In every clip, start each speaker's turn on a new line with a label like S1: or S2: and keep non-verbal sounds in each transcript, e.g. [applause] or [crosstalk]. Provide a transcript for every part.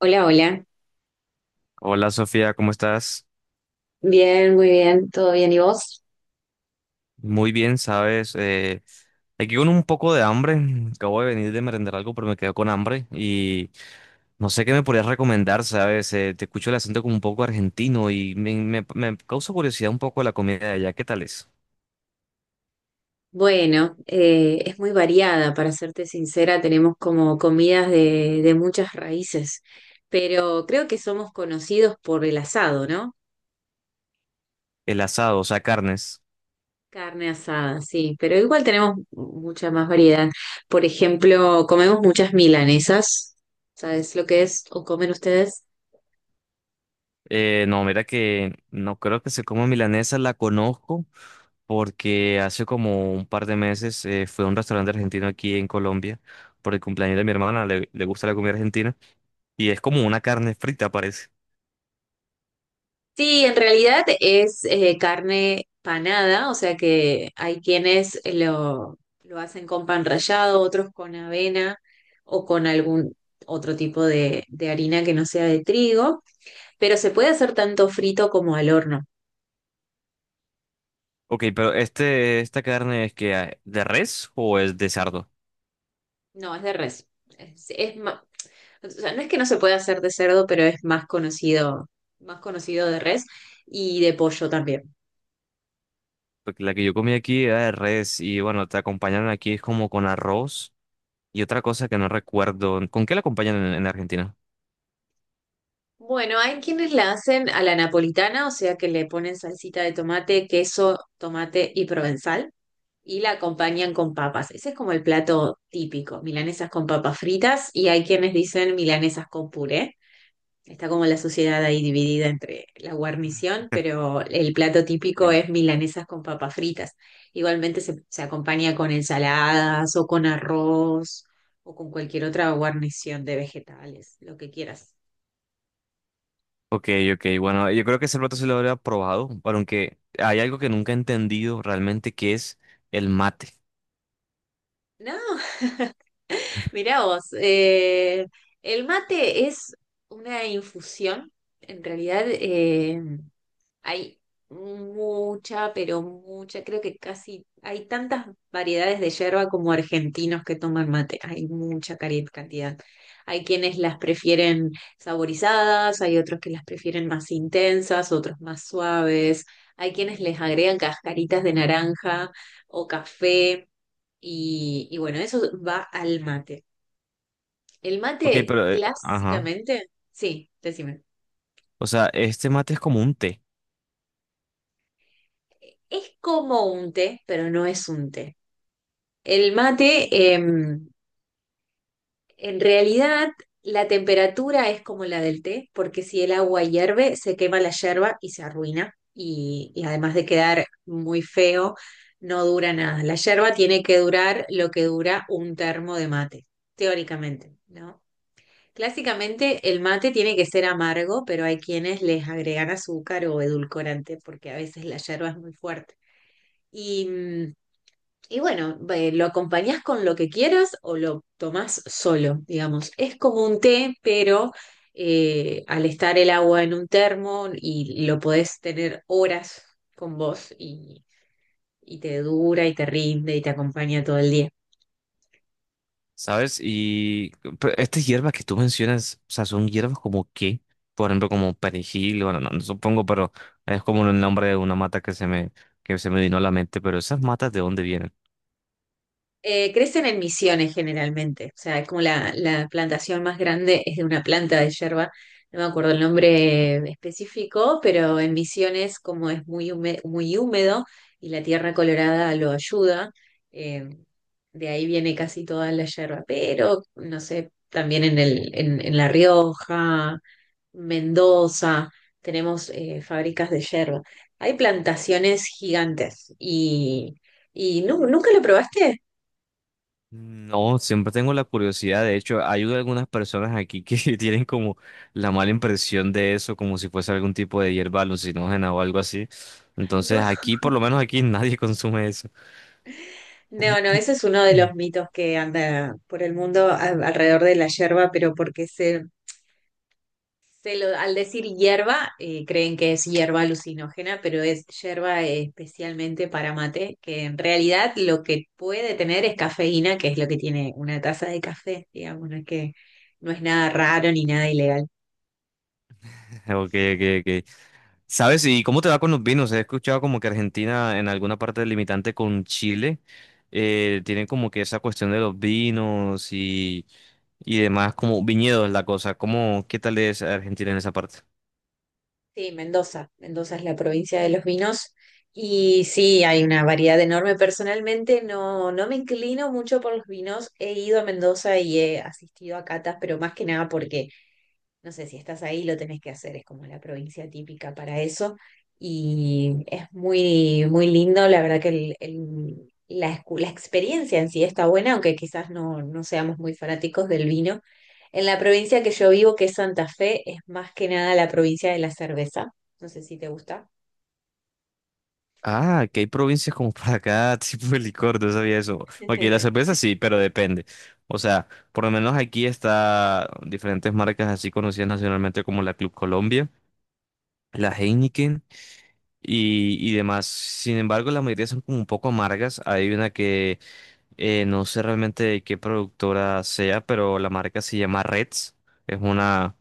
S1: Hola, hola.
S2: Hola Sofía, ¿cómo estás?
S1: Bien, muy bien. ¿Todo bien? ¿Y vos?
S2: Muy bien, sabes, aquí con un poco de hambre, acabo de venir de merendar algo, pero me quedo con hambre y no sé qué me podrías recomendar, sabes. Te escucho el acento como un poco argentino y me causa curiosidad un poco la comida de allá, ¿qué tal es?
S1: Bueno, es muy variada, para serte sincera, tenemos como comidas de muchas raíces, pero creo que somos conocidos por el asado, ¿no?
S2: El asado, o sea, carnes.
S1: Carne asada, sí, pero igual tenemos mucha más variedad. Por ejemplo, comemos muchas milanesas, ¿sabes lo que es? ¿O comen ustedes?
S2: No, mira que no creo que se coma milanesa, la conozco porque hace como un par de meses fue a un restaurante argentino aquí en Colombia por el cumpleaños de mi hermana, le gusta la comida argentina. Y es como una carne frita, parece.
S1: Sí, en realidad es carne panada, o sea que hay quienes lo hacen con pan rallado, otros con avena o con algún otro tipo de harina que no sea de trigo, pero se puede hacer tanto frito como al horno.
S2: Ok, pero esta carne es que ah, ¿de res o es de cerdo?
S1: No, es de res. Es, es ma- o sea, no es que no se pueda hacer de cerdo, pero es más conocido de res y de pollo también.
S2: Porque la que yo comí aquí era de res y bueno, te acompañaron aquí es como con arroz y otra cosa que no recuerdo. ¿Con qué la acompañan en Argentina?
S1: Bueno, hay quienes la hacen a la napolitana, o sea que le ponen salsita de tomate, queso, tomate y provenzal y la acompañan con papas. Ese es como el plato típico, milanesas con papas fritas y hay quienes dicen milanesas con puré. Está como la sociedad ahí dividida entre la guarnición, pero el plato típico
S2: Sí.
S1: es milanesas con papas fritas. Igualmente se acompaña con ensaladas o con arroz o con cualquier otra guarnición de vegetales, lo que quieras.
S2: Ok, ok, bueno, yo creo que ese plato sí lo habría probado, pero aunque hay algo que nunca he entendido realmente que es el mate.
S1: No, mirá vos, el mate es una infusión. En realidad hay mucha, pero mucha, creo que casi hay tantas variedades de yerba como argentinos que toman mate. Hay mucha cantidad. Hay quienes las prefieren saborizadas, hay otros que las prefieren más intensas, otros más suaves. Hay quienes les agregan cascaritas de naranja o café. Y bueno, eso va al mate. El
S2: Ok,
S1: mate
S2: pero... ajá.
S1: clásicamente, sí, decime.
S2: O sea, este mate es como un té.
S1: Es como un té, pero no es un té. El mate, em, en realidad, la temperatura es como la del té, porque si el agua hierve, se quema la yerba y se arruina. Y además de quedar muy feo, no dura nada. La yerba tiene que durar lo que dura un termo de mate, teóricamente, ¿no? Clásicamente el mate tiene que ser amargo, pero hay quienes les agregan azúcar o edulcorante porque a veces la yerba es muy fuerte. Y, mm, y bueno, lo acompañás con lo que quieras o lo tomás solo, digamos. Es como un té, pero al estar el agua en un termo y lo podés tener horas con vos y te dura y te rinde y te acompaña todo el día.
S2: ¿Sabes? Y pero estas hierbas que tú mencionas, o sea, son hierbas como qué, por ejemplo, como perejil, bueno, no, no supongo, pero es como el nombre de una mata que se me vino a la mente, pero esas matas, ¿de dónde vienen?
S1: Crecen en misiones generalmente, o sea, es como la plantación más grande, es de una planta de yerba, no me acuerdo el nombre específico, pero en misiones como es muy húmedo y la tierra colorada lo ayuda, eh, de ahí viene casi toda la yerba, pero no sé, también en en La Rioja, Mendoza, tenemos fábricas de yerba. Hay plantaciones gigantes y nunca lo probaste.
S2: No, siempre tengo la curiosidad, de hecho, hay algunas personas aquí que [laughs] tienen como la mala impresión de eso, como si fuese algún tipo de hierba alucinógena o algo así.
S1: No,
S2: Entonces, aquí, por lo menos aquí, [laughs] nadie consume eso.
S1: no, no, ese es uno de los mitos que anda por el mundo alrededor de la hierba, pero porque al decir hierba, creen que es hierba alucinógena, pero es hierba especialmente para mate, que en realidad lo que puede tener es cafeína, que es lo que tiene una taza de café, digamos, no es que no es nada raro ni nada ilegal.
S2: [laughs] Ok, ok, ok. ¿Sabes? ¿Y cómo te va con los vinos? He escuchado como que Argentina en alguna parte del limitante con Chile tienen como que esa cuestión de los vinos y demás, como viñedos la cosa. ¿Cómo, qué tal es Argentina en esa parte?
S1: Sí, Mendoza. Mendoza es la provincia de los vinos y sí, hay una variedad enorme. Personalmente no, no me inclino mucho por los vinos. He ido a Mendoza y he asistido a catas, pero más que nada porque no sé, si estás ahí lo tenés que hacer, es como la provincia típica para eso. Y es muy, muy lindo, la verdad que la experiencia en sí está buena, aunque quizás no, no seamos muy fanáticos del vino. En la provincia que yo vivo, que es Santa Fe, es más que nada la provincia de la cerveza. No sé si te gusta.
S2: Ah, que hay provincias como para cada [laughs] tipo de licor, no sabía eso. Porque la
S1: [laughs]
S2: cerveza sí, pero depende. O sea, por lo menos aquí está diferentes marcas así conocidas nacionalmente como la Club Colombia, la
S1: Mm.
S2: Heineken y demás. Sin embargo, la mayoría son como un poco amargas. Hay una que no sé realmente de qué productora sea, pero la marca se llama Reds. Es una,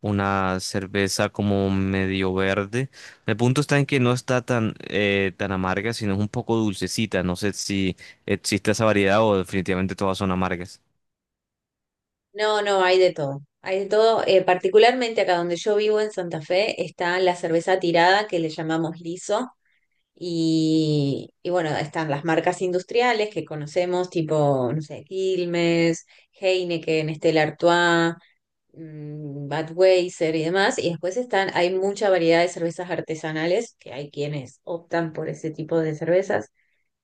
S2: una cerveza como medio verde. El punto está en que no está tan, tan amarga, sino es un poco dulcecita. No sé si existe esa variedad o definitivamente todas son amargas.
S1: No, no, hay de todo. Hay de todo. Particularmente acá donde yo vivo en Santa Fe está la cerveza tirada que le llamamos liso. Y bueno, están las marcas industriales que conocemos, tipo, no sé, Quilmes, Heineken, Stella Artois, Budweiser y demás. Y después están, hay mucha variedad de cervezas artesanales, que hay quienes optan por ese tipo de cervezas.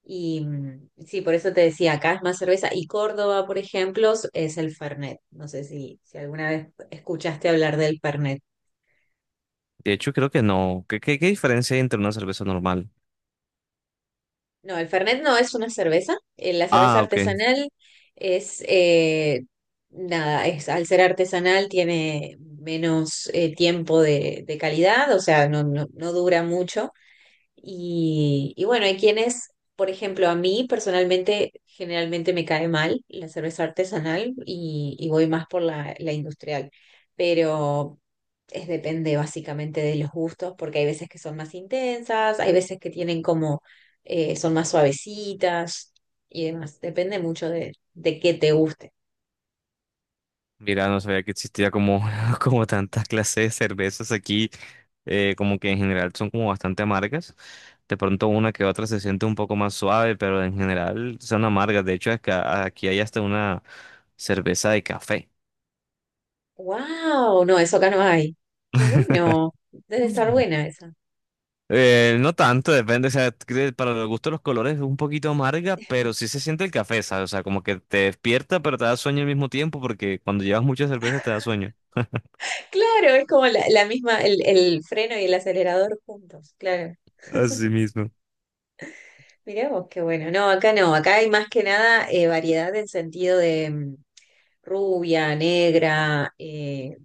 S1: Sí, por eso te decía, acá es más cerveza. Y Córdoba, por ejemplo, es el Fernet. No sé si alguna vez escuchaste hablar del Fernet.
S2: De hecho, creo que no. ¿Qué diferencia hay entre una cerveza normal?
S1: No, el Fernet no es una cerveza. La cerveza
S2: Ah, ok.
S1: artesanal es, nada, es, al ser artesanal tiene menos tiempo de calidad, o sea, no, no, no dura mucho. Y bueno, hay quienes, por ejemplo, a mí personalmente generalmente me cae mal la cerveza artesanal y voy más por la industrial, pero es depende básicamente de los gustos, porque hay veces que son más intensas, hay veces que tienen como, son más suavecitas y demás, depende mucho de qué te guste.
S2: Mira, no sabía que existía como, [laughs] como tantas clases de cervezas aquí, como que en general son como bastante amargas. De pronto una que otra se siente un poco más suave, pero en general son amargas. De hecho, es que aquí hay hasta una cerveza de café.
S1: ¡Wow! No, eso acá no hay. ¡Qué bueno! Debe estar
S2: Mm.
S1: buena esa.
S2: No tanto, depende, o sea, que para los gustos los colores es un poquito amarga, pero sí se siente el café, ¿sabes? O sea, como que te despierta, pero te da sueño al mismo tiempo, porque cuando llevas muchas cervezas te da sueño.
S1: Claro, es como el freno y el acelerador juntos, claro.
S2: Así mismo.
S1: Mirá vos, qué bueno. No, acá no, acá hay más que nada variedad en sentido de rubia, negra,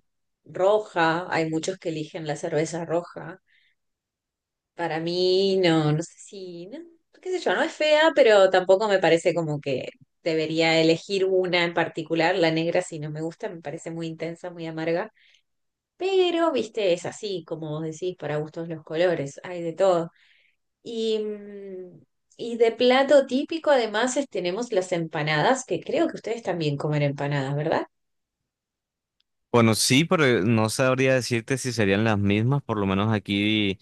S1: roja. Hay muchos que eligen la cerveza roja. Para mí, no, no sé si, no, qué sé yo, no es fea, pero tampoco me parece como que debería elegir una en particular, la negra, si no me gusta, me parece muy intensa, muy amarga. Pero, viste, es así, como vos decís, para gustos los colores, hay de todo. Y, mm, y de plato típico, además, tenemos las empanadas, que creo que ustedes también comen empanadas, ¿verdad?
S2: Bueno, sí, pero no sabría decirte si serían las mismas. Por lo menos aquí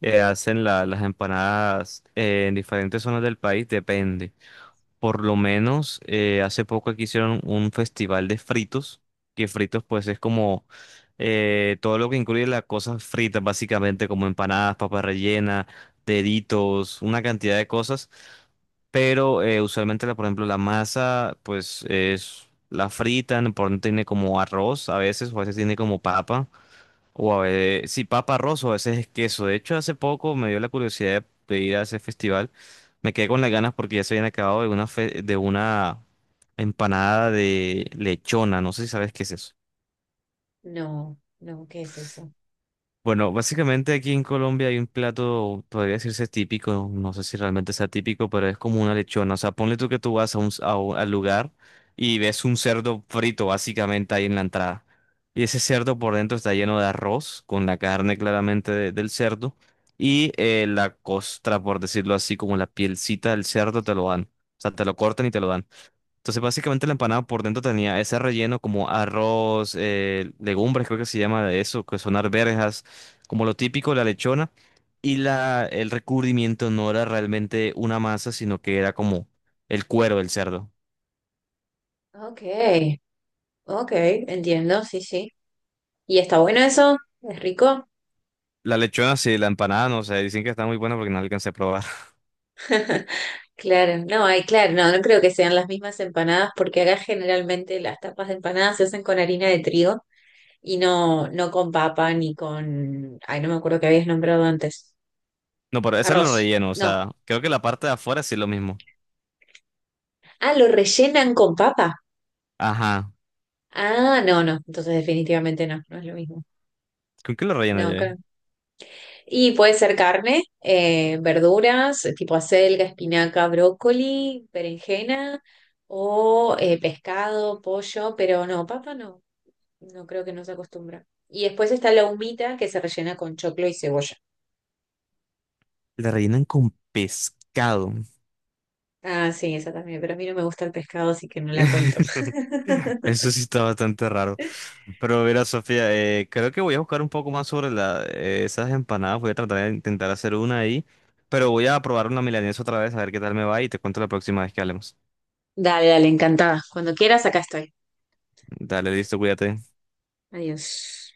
S2: hacen las empanadas en diferentes zonas del país, depende. Por lo menos hace poco aquí hicieron un festival de fritos, que fritos pues es como todo lo que incluye las cosas fritas, básicamente como empanadas, papas rellenas, deditos, una cantidad de cosas, pero usualmente, la, por ejemplo, la masa, pues es la fritan, por ejemplo, tiene como arroz a veces, o a veces tiene como papa, o a veces, sí, papa arroz, o a veces es queso. De hecho, hace poco me dio la curiosidad de ir a ese festival. Me quedé con las ganas porque ya se habían acabado de una, de una empanada de lechona. No sé si sabes qué es eso.
S1: No, no, ¿qué es eso?
S2: Bueno, básicamente aquí en Colombia hay un plato, podría decirse típico, no sé si realmente sea típico, pero es como una lechona. O sea, ponle tú que tú vas a al lugar y ves un cerdo frito básicamente ahí en la entrada. Y ese cerdo por dentro está lleno de arroz, con la carne claramente del cerdo. Y la costra, por decirlo así, como la pielcita del cerdo, te lo dan. O sea, te lo cortan y te lo dan. Entonces, básicamente la empanada por dentro tenía ese relleno como arroz, legumbres, creo que se llama de eso, que son arvejas, como lo típico, la lechona. Y el recubrimiento no era realmente una masa, sino que era como el cuero del cerdo.
S1: Ok, ok, entiendo, sí, sí. ¿Y está bueno eso? ¿Es rico?
S2: La lechona, sí, la empanada, no sé, dicen que está muy buena porque no alcancé a probar. [laughs]
S1: Claro, no, hay, claro, no, no creo que sean las mismas empanadas, porque acá generalmente las tapas de empanadas se hacen con harina de trigo y no, no con papa ni con, ay, no me acuerdo que habías nombrado antes.
S2: No, pero ese es el
S1: Arroz.
S2: relleno, o
S1: No.
S2: sea, creo que la parte de afuera sí es lo mismo.
S1: Ah, lo rellenan con papa.
S2: Ajá,
S1: Ah, no, no. Entonces definitivamente no, no es lo mismo.
S2: ¿con qué lo rellenan
S1: No,
S2: ya?
S1: creo. Y puede ser carne, verduras, tipo acelga, espinaca, brócoli, berenjena o pescado, pollo, pero no, papa no. No creo que no se acostumbra. Y después está la humita que se rellena con choclo y cebolla.
S2: La rellenan con pescado.
S1: Ah, sí, esa también, pero a mí no me gusta el pescado, así que no la cuento.
S2: [laughs]
S1: [laughs]
S2: Eso sí está bastante raro. Pero mira, Sofía, creo que voy a buscar un poco más sobre esas empanadas. Voy a tratar de intentar hacer una ahí. Pero voy a probar una milanesa otra vez, a ver qué tal me va y te cuento la próxima vez que hablemos.
S1: Dale, dale, encantada. Cuando quieras, acá estoy.
S2: Dale, listo, cuídate.
S1: Adiós.